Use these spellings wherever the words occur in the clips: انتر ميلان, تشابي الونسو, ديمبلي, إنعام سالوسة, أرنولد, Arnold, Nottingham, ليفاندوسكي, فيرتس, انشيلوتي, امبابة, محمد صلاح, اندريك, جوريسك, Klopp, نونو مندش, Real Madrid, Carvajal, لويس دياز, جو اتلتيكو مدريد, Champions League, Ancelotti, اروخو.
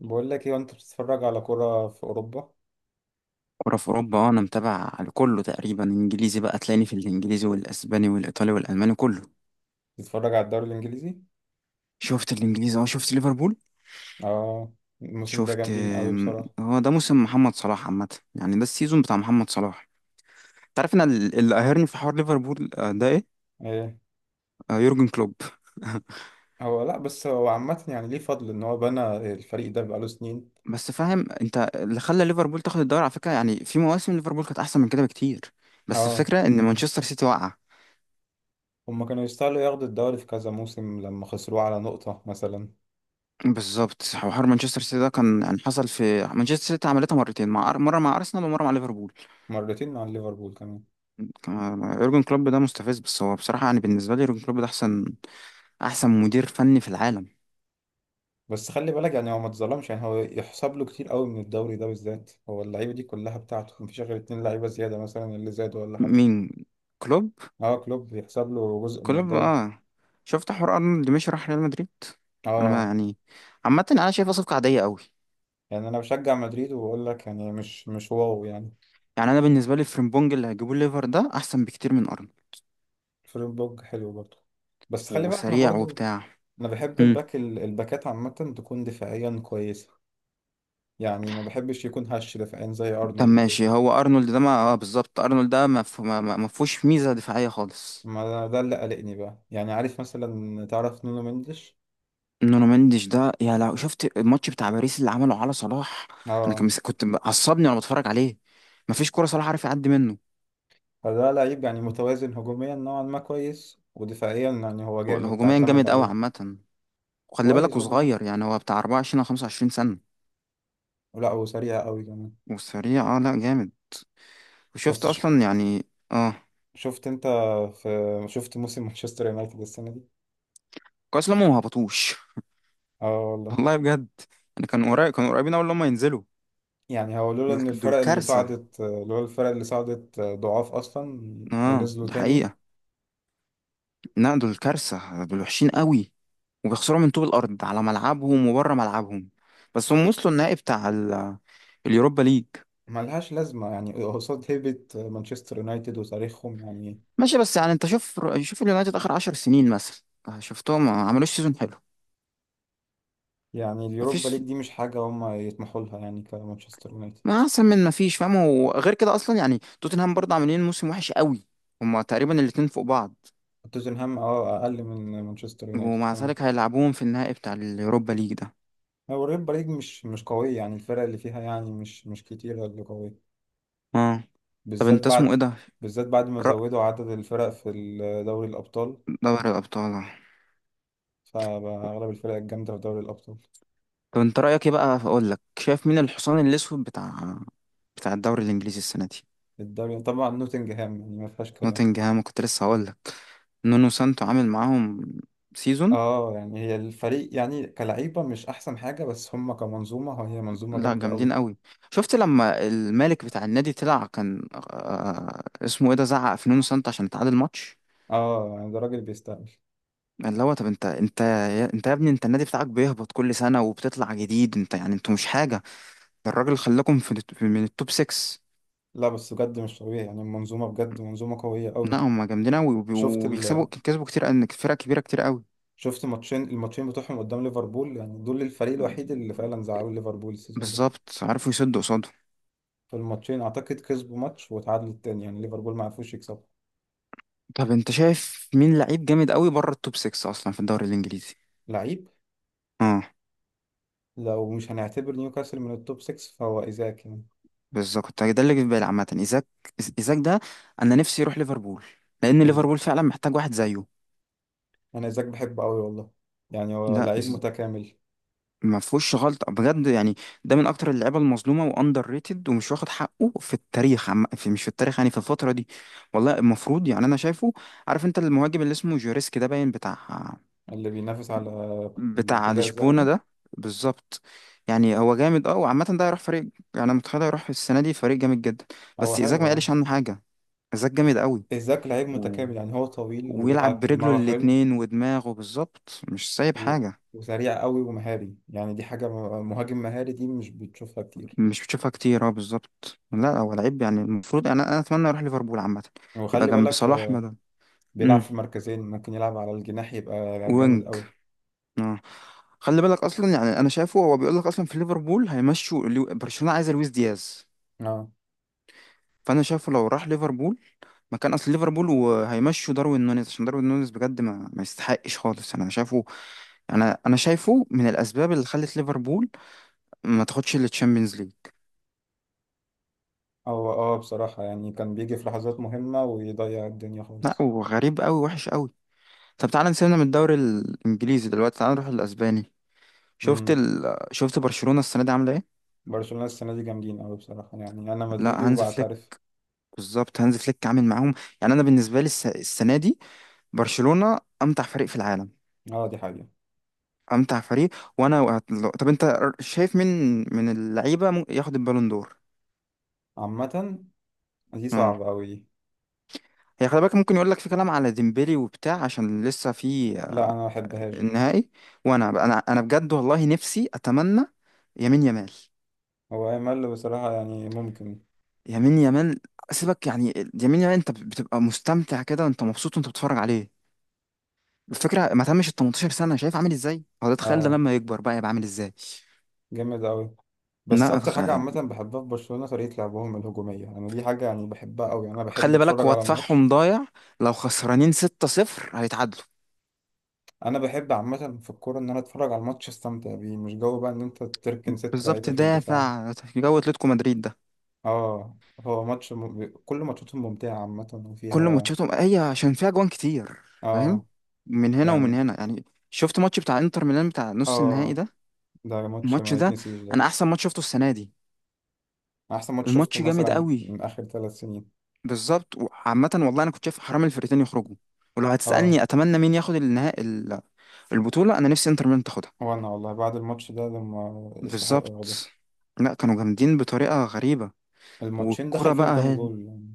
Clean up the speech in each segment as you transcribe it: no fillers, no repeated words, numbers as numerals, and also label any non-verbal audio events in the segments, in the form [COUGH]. بقول لك ايه وانت بتتفرج على كرة في اوروبا؟ كورة في أوروبا، أنا متابع كله تقريبا، إنجليزي. بقى تلاقيني في الإنجليزي والأسباني والإيطالي والألماني كله. بتتفرج على الدوري الانجليزي؟ شفت الإنجليزي، شفت ليفربول. اه. الموسم ده شفت جامدين قوي بصراحة. هو ده موسم محمد صلاح عامة. يعني ده السيزون بتاع محمد صلاح. تعرف أنا اللي قاهرني في حوار ليفربول ده إيه؟ ايه. يورجن كلوب. [LAUGHS] هو لا، بس هو عامة يعني ليه فضل ان هو بنى الفريق ده بقاله سنين. بس فاهم أنت اللي خلى ليفربول تاخد الدوري على فكرة؟ يعني في مواسم ليفربول كانت أحسن من كده بكتير، بس اه. الفكرة إن مانشستر سيتي وقع. هما كانوا يستاهلوا ياخدوا الدوري في كذا موسم لما خسروه على نقطة مثلا. بالظبط، حوار مانشستر سيتي ده كان يعني حصل في مانشستر سيتي، عملتها مرتين، مع مرة مع أرسنال ومرة مع ليفربول. مرتين مع ليفربول كمان. آه، يورجن كلوب ده مستفز، بس هو بصراحة، يعني بالنسبة لي يورجن كلوب ده أحسن مدير فني في العالم. بس خلي بالك، يعني هو ما اتظلمش، يعني هو يحسب له كتير قوي من الدوري ده بالذات، هو اللعيبة دي كلها بتاعته، مفيش غير 2 لعيبة زيادة مثلا اللي زادوا ولا حاجة. مين، كلوب؟ اه، كلوب يحسب له جزء من كلوب، الدوري. اه. شفت حوار أرنولد مشي راح ريال مدريد؟ أنا ما اه، يعني عامة أنا شايفها صفقة عادية قوي. يعني انا بشجع مدريد وبقول لك يعني مش واو يعني. يعني أنا بالنسبة لي فريمبونج اللي هيجيبوه ليفر ده أحسن بكتير من أرنولد، فليب حلو برضه. بس خلي بالك انا وسريع برضه. وبتاع. انا بحب امم. الباك الباكات عامه تكون دفاعيا كويسه. يعني ما بحبش يكون هش دفاعيا زي طب ارنولد كده. ماشي، هو أرنولد ده ما، اه بالظبط، أرنولد ده ما ما فيهوش ميزة دفاعية خالص. ما ده اللي قلقني بقى، يعني عارف مثلا تعرف نونو مندش. نونو مندش ده، يا لو شفت الماتش بتاع باريس اللي عمله على صلاح، انا كان اه. كنت عصبني وانا بتفرج عليه. مفيش كوره صلاح عارف يعدي منه. فده لعيب يعني متوازن هجوميا نوعا ما كويس، ودفاعيا يعني هو جامد هجوميا تعتمد جامد قوي عليه. عامه. وخلي بالك كويس هجوميا. وصغير، يعني هو بتاع 24 او 25 سنه. لا وسريع قوي كمان. وسريع، اه لا جامد. وشفت بس ش... اصلا يعني. اه، شفت انت في شفت موسم مانشستر يونايتد السنه دي؟ كويس لما ما هبطوش. اه [LAUGHS] والله. والله بجد. يعني كانوا قريبين اول لما ينزلوا. يعني هو دول دول كارثه. لولا الفرق اللي صعدت ضعاف اصلا اه ونزلوا دي تاني حقيقه. لا دول كارثه، دول وحشين قوي وبيخسروا من طوب الارض على ملعبهم وبره ملعبهم. بس هم وصلوا النهائي بتاع اليوروبا ليج. ملهاش لازمه يعني قصاد هيبه مانشستر يونايتد وتاريخهم يعني. ماشي، بس يعني انت شوف اليونايتد اخر عشر سنين مثلا، شفتهم ما عملوش سيزون حلو. يعني اليوروبا ليج مفيش. دي مش حاجه هم يطمحوا لها يعني كمانشستر يونايتد. ما احسن من مفيش، فاهم؟ وغير كده اصلا يعني توتنهام برضه عاملين موسم وحش قوي. هما تقريبا الاتنين فوق بعض. توتنهام اه اقل من مانشستر يونايتد ومع كمان. ذلك هيلعبوهم في النهائي بتاع اليوروبا ليج ده. هو اليوروبا ليج مش قويه، يعني الفرق اللي فيها يعني مش كتيره اللي قويه. اه. طب بالذات انت اسمه بعد ايه ده؟ بالذات بعد ما رأ... زودوا عدد الفرق في دوري الابطال. دوري الابطال. فأغلب الفرق الجامدة في دوري الأبطال. طب انت رايك ايه بقى، اقول لك شايف مين الحصان الاسود بتاع الدوري الانجليزي السنه دي؟ الدوري طبعا نوتنجهام، يعني ما فيهاش كلام. نوتنجهام كنت لسه هقول لك. نونو سانتو عامل معاهم سيزون. اه، يعني هي الفريق يعني كلعيبة مش أحسن حاجة، بس هم كمنظومة هي منظومة لا جامدة أوي. جامدين قوي. شفت لما الملك بتاع النادي طلع كان، آه اسمه ايه ده، زعق في نونو سانتو عشان تعادل ماتش؟ اه، يعني ده راجل بيستاهل. اللي هو طب انت يا ابني، انت النادي بتاعك بيهبط كل سنه وبتطلع جديد، انت يعني انتوا مش حاجه. ده الراجل خلاكم في من التوب 6. لا بس بجد مش طبيعي، يعني المنظومة بجد منظومة قوية أوي. لا هم جامدين قوي، وبي- شفت ال... وبيكسبوا كسبوا كتير، ان فرق كبيره كتير قوي. شفت الماتشين بتوعهم قدام ليفربول، يعني دول الفريق الوحيد اللي فعلا زعلوا ليفربول السيزون ده. بالظبط، عارفوا يسدوا قصاده. في الماتشين أعتقد كسبوا ماتش وتعادلوا التاني، يعني ليفربول ما عرفوش يكسبوا. طب انت شايف مين لعيب جامد قوي بره التوب 6 اصلا في الدوري الانجليزي؟ لعيب. اه لو مش هنعتبر نيوكاسل من التوب 6 فهو إيزاك يعني. بالظبط، كنت ده اللي جه في بالي عامة، ايزاك. ايزاك ده، انا نفسي يروح ليفربول، لان ليفربول فعلا محتاج واحد زيه. انا ايزاك بحبه قوي والله. يعني هو لا لعيب متكامل. ما فيهوش غلطة بجد يعني. ده من اكتر اللعيبة المظلومة واندر ريتد، ومش واخد حقه في التاريخ، عم... في مش في التاريخ، يعني في الفترة دي. والله المفروض، يعني انا شايفه. عارف انت المهاجم اللي اسمه جوريسك ده باين، بتاع اللي بينافس على بتاع الحذاء لشبونة الذهبي. ده؟ بالظبط. يعني هو جامد اه، وعامة ده هيروح فريق، يعني متخيل هيروح السنة دي فريق جامد جدا. هو بس ايزاك حلو ما اه. قالش عنه حاجة. ايزاك جامد قوي، ايزاك لعيب متكامل، يعني هو طويل ويلعب وبيلعب برجله بدماغه حلو. الاتنين ودماغه، بالظبط مش سايب و... حاجة. وسريع قوي ومهاري، يعني دي حاجة مهاجم مهاري دي مش بتشوفها كتير. مش بتشوفها كتير، اه بالظبط. لا هو لعيب يعني المفروض، انا اتمنى يروح ليفربول عامة، يبقى وخلي جنب بالك صلاح بدل. بيلعب امم. في مركزين ممكن يلعب على الجناح يبقى جامد وينج. قوي. اه. خلي بالك اصلا، يعني انا شايفه هو بيقول لك اصلا في ليفربول هيمشوا برشلونة عايزه لويس دياز. اه. فانا شايفه لو راح ليفربول مكان اصل ليفربول، وهيمشوا داروين نونيز، عشان داروين نونيز بجد ما يستحقش خالص انا شايفه. انا شايفه من الاسباب اللي خلت ليفربول ما تاخدش التشامبيونز ليج. هو بصراحة يعني كان بيجي في لحظات مهمة ويضيع الدنيا لا خالص. وغريب قوي، وحش قوي. طب تعالى نسيبنا من الدوري الانجليزي دلوقتي، تعالى نروح الاسباني. شفت امم ال... شفت برشلونة السنة دي عاملة ايه؟ برشلونة السنة دي جامدين قوي بصراحة، يعني انا مدريدي لا هانز فليك. وبعترف. بالظبط، هانز فليك عامل معاهم. يعني انا بالنسبة لي السنة دي برشلونة امتع فريق في العالم. اه دي حقيقة. امتع فريق. طب انت شايف مين من اللعيبة ممكن ياخد البالون دور؟ عامة. دي اه. صعبة أوي دي. هي خلي بالك ممكن يقول لك في كلام على ديمبلي وبتاع، عشان لسه في لا أنا مبحبهاش دي. النهائي. وانا انا انا بجد والله نفسي اتمنى يمين يمال. هو أمل بصراحة يعني ممكن. يمين يمال. سيبك يعني. يمين يمال، انت بتبقى مستمتع كده وانت مبسوط وانت بتتفرج عليه. الفكره ما تمش ال 18 سنه، شايف عامل ازاي؟ هو ده، تخيل ده اه لما يكبر بقى يبقى عامل ازاي. جامد أوي. بس لا أكتر حاجة عامة بحبها في برشلونة طريقة لعبهم الهجومية، أنا دي حاجة يعني بحبها أوي، أنا بحب خلي بالك أتفرج هو على الماتش. دفاعهم ضايع، لو خسرانين 6-0 هيتعادلوا. أنا بحب عامة في الكورة إن أنا أتفرج على الماتش أستمتع بيه، مش جو بقى إن أنت تركن ست بالظبط، لعيبة في الدفاع. دافع جو اتلتيكو مدريد ده. اه. كل ماتشاتهم ممتعة عامة كل وفيها. ماتشاتهم، هي عشان فيها جوان كتير، فاهم، اه. من هنا ومن يعني هنا. يعني شفت ماتش بتاع انتر ميلان بتاع نص النهائي اه. ده؟ ده ماتش الماتش ما ده يتنسيش ده. انا احسن ماتش شفته السنه دي. أحسن ماتش شفته الماتش جامد مثلا قوي، من آخر 3 سنين. بالظبط. وعامة والله أنا كنت شايف حرام الفرقتين يخرجوا. ولو اه، هتسألني أتمنى مين ياخد النهائي البطولة، أنا نفسي إنتر ميلان تاخدها. وانا والله بعد الماتش ده لما يستحق بالظبط. ده. لا كانوا جامدين بطريقة غريبة. الماتشين دخل والكرة فيهم بقى كام هي، جول يعني؟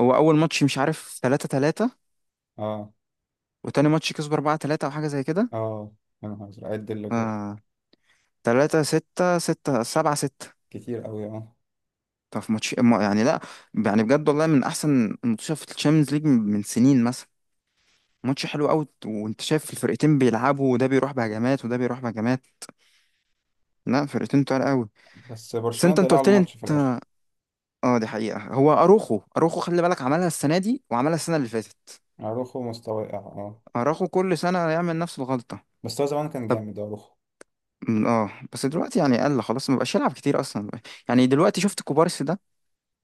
هو أول ماتش مش عارف 3 3، اه. وتاني ماتش كسبوا 4 3 أو حاجة زي كده. اه، يا نهار ازرق عد ف الاجوال. 3 6 6 7 6. كتير قوي اه. طب في ماتش إيه؟ ما- يعني لا يعني بجد والله من أحسن الماتشات في الشامبيونز ليج من سنين مثلا. ماتش حلو قوي، وانت شايف الفرقتين بيلعبوا، وده بيروح بهجمات وده بيروح بهجمات. لا فرقتين تقال قوي. بس بس برشلونة انت ضيع قلت لي انت. الماتش في الاخر. اه دي حقيقة، هو اروخو خلي بالك عملها السنة دي وعملها السنة اللي فاتت. اروخو مستوى واقع اه. اروخو كل سنة يعمل نفس الغلطة. بس هو زمان كان طب، جامد اروخو. اه بس دلوقتي يعني قل خلاص، ما بقاش يلعب كتير اصلا. يعني دلوقتي شفت كوبارسي ده؟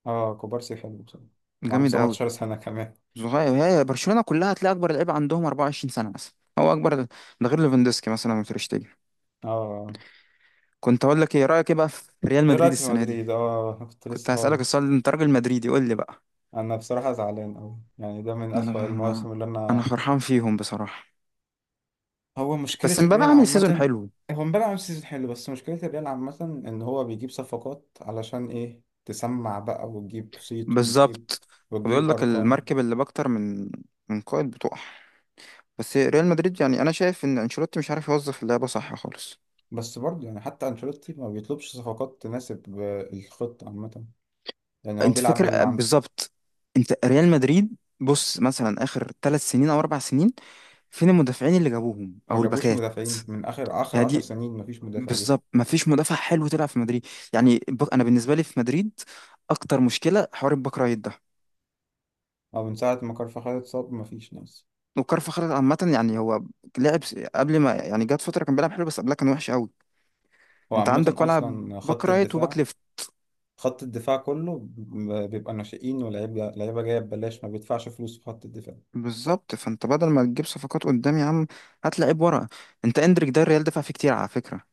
اه، كوبارسي حلو بصراحة. وعنده جامد قوي. 17 سنة [LAUGHS] كمان. صغير. هي برشلونة كلها هتلاقي اكبر لعيب عندهم 24 سنة مثلا، هو اكبر ده غير ليفاندوسكي مثلا وتريشتيجن. اه اه. كنت اقول لك ايه رأيك ايه بقى في ريال ايه مدريد رأيك في السنة دي؟ مدريد؟ اه. [LAUGHS] كنت كنت لسه هسألك هقولك. السؤال ده، انت راجل مدريدي قول لي بقى. انا بصراحة زعلان قوي، يعني ده من اسوأ انا المواسم اللي انا انا. فرحان فيهم بصراحة. هو مشكلة بس امبابة الريال عامل سيزون عامة. حلو. هو امبارح عمل سيزون حلو، بس مشكلة الريال عامة إن هو بيجيب صفقات علشان إيه، تسمع بقى وتجيب صيت وتجيب بالظبط. بيقول وتجيب لك أرقام. المركب اللي باكتر من قائد بتقع. بس ريال مدريد يعني انا شايف ان انشيلوتي مش عارف يوظف اللعبه صح خالص. بس برضه يعني حتى أنشيلوتي ما بيطلبش صفقات تناسب الخطة عامة. يعني هو انت بيلعب باللي فاكر، عنده. بالظبط. انت ريال مدريد بص مثلا اخر ثلاث سنين او اربع سنين، فين المدافعين اللي جابوهم ما او جابوش الباكات؟ مدافعين من آخر آخر يعني عشر دي، سنين ما فيش مدافع جه. بالظبط، ما فيش مدافع حلو تلعب في مدريد. يعني انا بالنسبه لي في مدريد اكتر مشكله حوار الباك رايت ده. أو من ساعة ما كارفاخال اتصاب ما فيش ناس. وكارفاخال عامه، يعني هو لعب قبل ما يعني جات فتره كان بيلعب حلو، بس قبلها كان وحش قوي. هو انت عامة عندك ولعب أصلا باك خط رايت وباك الدفاع. ليفت. خط الدفاع كله بيبقى ناشئين ولاعيبة لعيبة جاية ببلاش، ما بيدفعش فلوس في خط الدفاع. بالظبط، فانت بدل ما تجيب صفقات قدام يا عم، هات لعيب ورا. انت اندريك ده الريال دفع فيه كتير على فكره.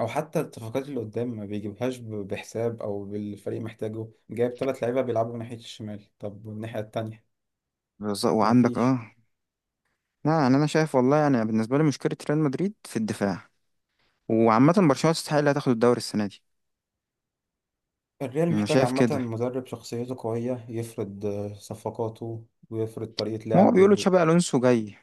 او حتى الصفقات اللي قدام ما بيجيبهاش بحساب، او بالفريق محتاجه، جايب 3 لعيبه بيلعبوا من ناحيه الشمال، طب والناحيه التانية بالظبط، ما وعندك فيش. اه. لا يعني انا شايف والله، يعني بالنسبه لي مشكله ريال مدريد في الدفاع. وعامه برشلونه تستحق اللي هتاخد الدوري السنه دي. الريال انا محتاج شايف عامه كده. مدرب شخصيته قويه يفرض صفقاته ويفرض طريقه ما هو لعب. بيقولوا تشابي الونسو جاي.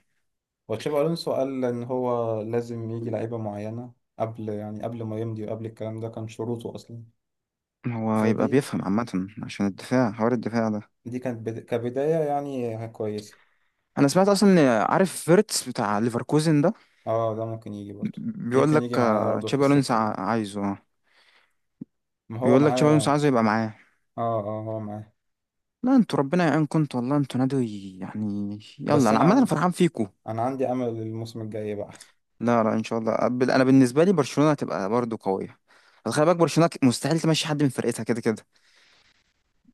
وتشابي الونسو قال ان هو لازم يجي لعيبه معينه، قبل ما يمضي، وقبل الكلام ده كان شروطه اصلا. هو يبقى فدي بيفهم عامه، عشان الدفاع حوار الدفاع ده. دي كانت كبدايه يعني كويسه. انا سمعت اصلا ان، عارف فيرتس بتاع ليفركوزن ده؟ اه ده ممكن يجي برضه. بيقول ممكن لك يجي معاه ياخده في تشابي الونسو السكه دي. عايزه، اه. ما هو بيقول لك معاه تشابي الونسو اه. عايزه يبقى معاه. اه هو معاه. لا انتوا ربنا يعينكم، انتوا والله انتوا نادي يعني يلا، بس انا انا عمال انا عندي فرحان فيكم. انا عندي امل الموسم الجاي يبقى احسن. لا لا ان شاء الله. انا بالنسبه لي برشلونه هتبقى برضو قويه، بس خلي بالك برشلونه مستحيل تمشي حد من فرقتها كده كده.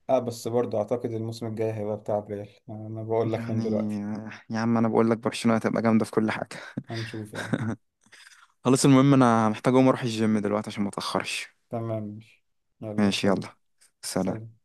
اه بس برضو اعتقد الموسم الجاي هيبقى بتاع ريال، انا بقول لك من يعني دلوقتي. يا عم انا بقول لك برشلونه هتبقى جامده في كل حاجه. هنشوف يعني. خلاص، المهم انا محتاج اقوم اروح الجيم دلوقتي عشان ما اتاخرش. تمام ماشي. يلا ماشي سلام. يلا، سلام. سلام.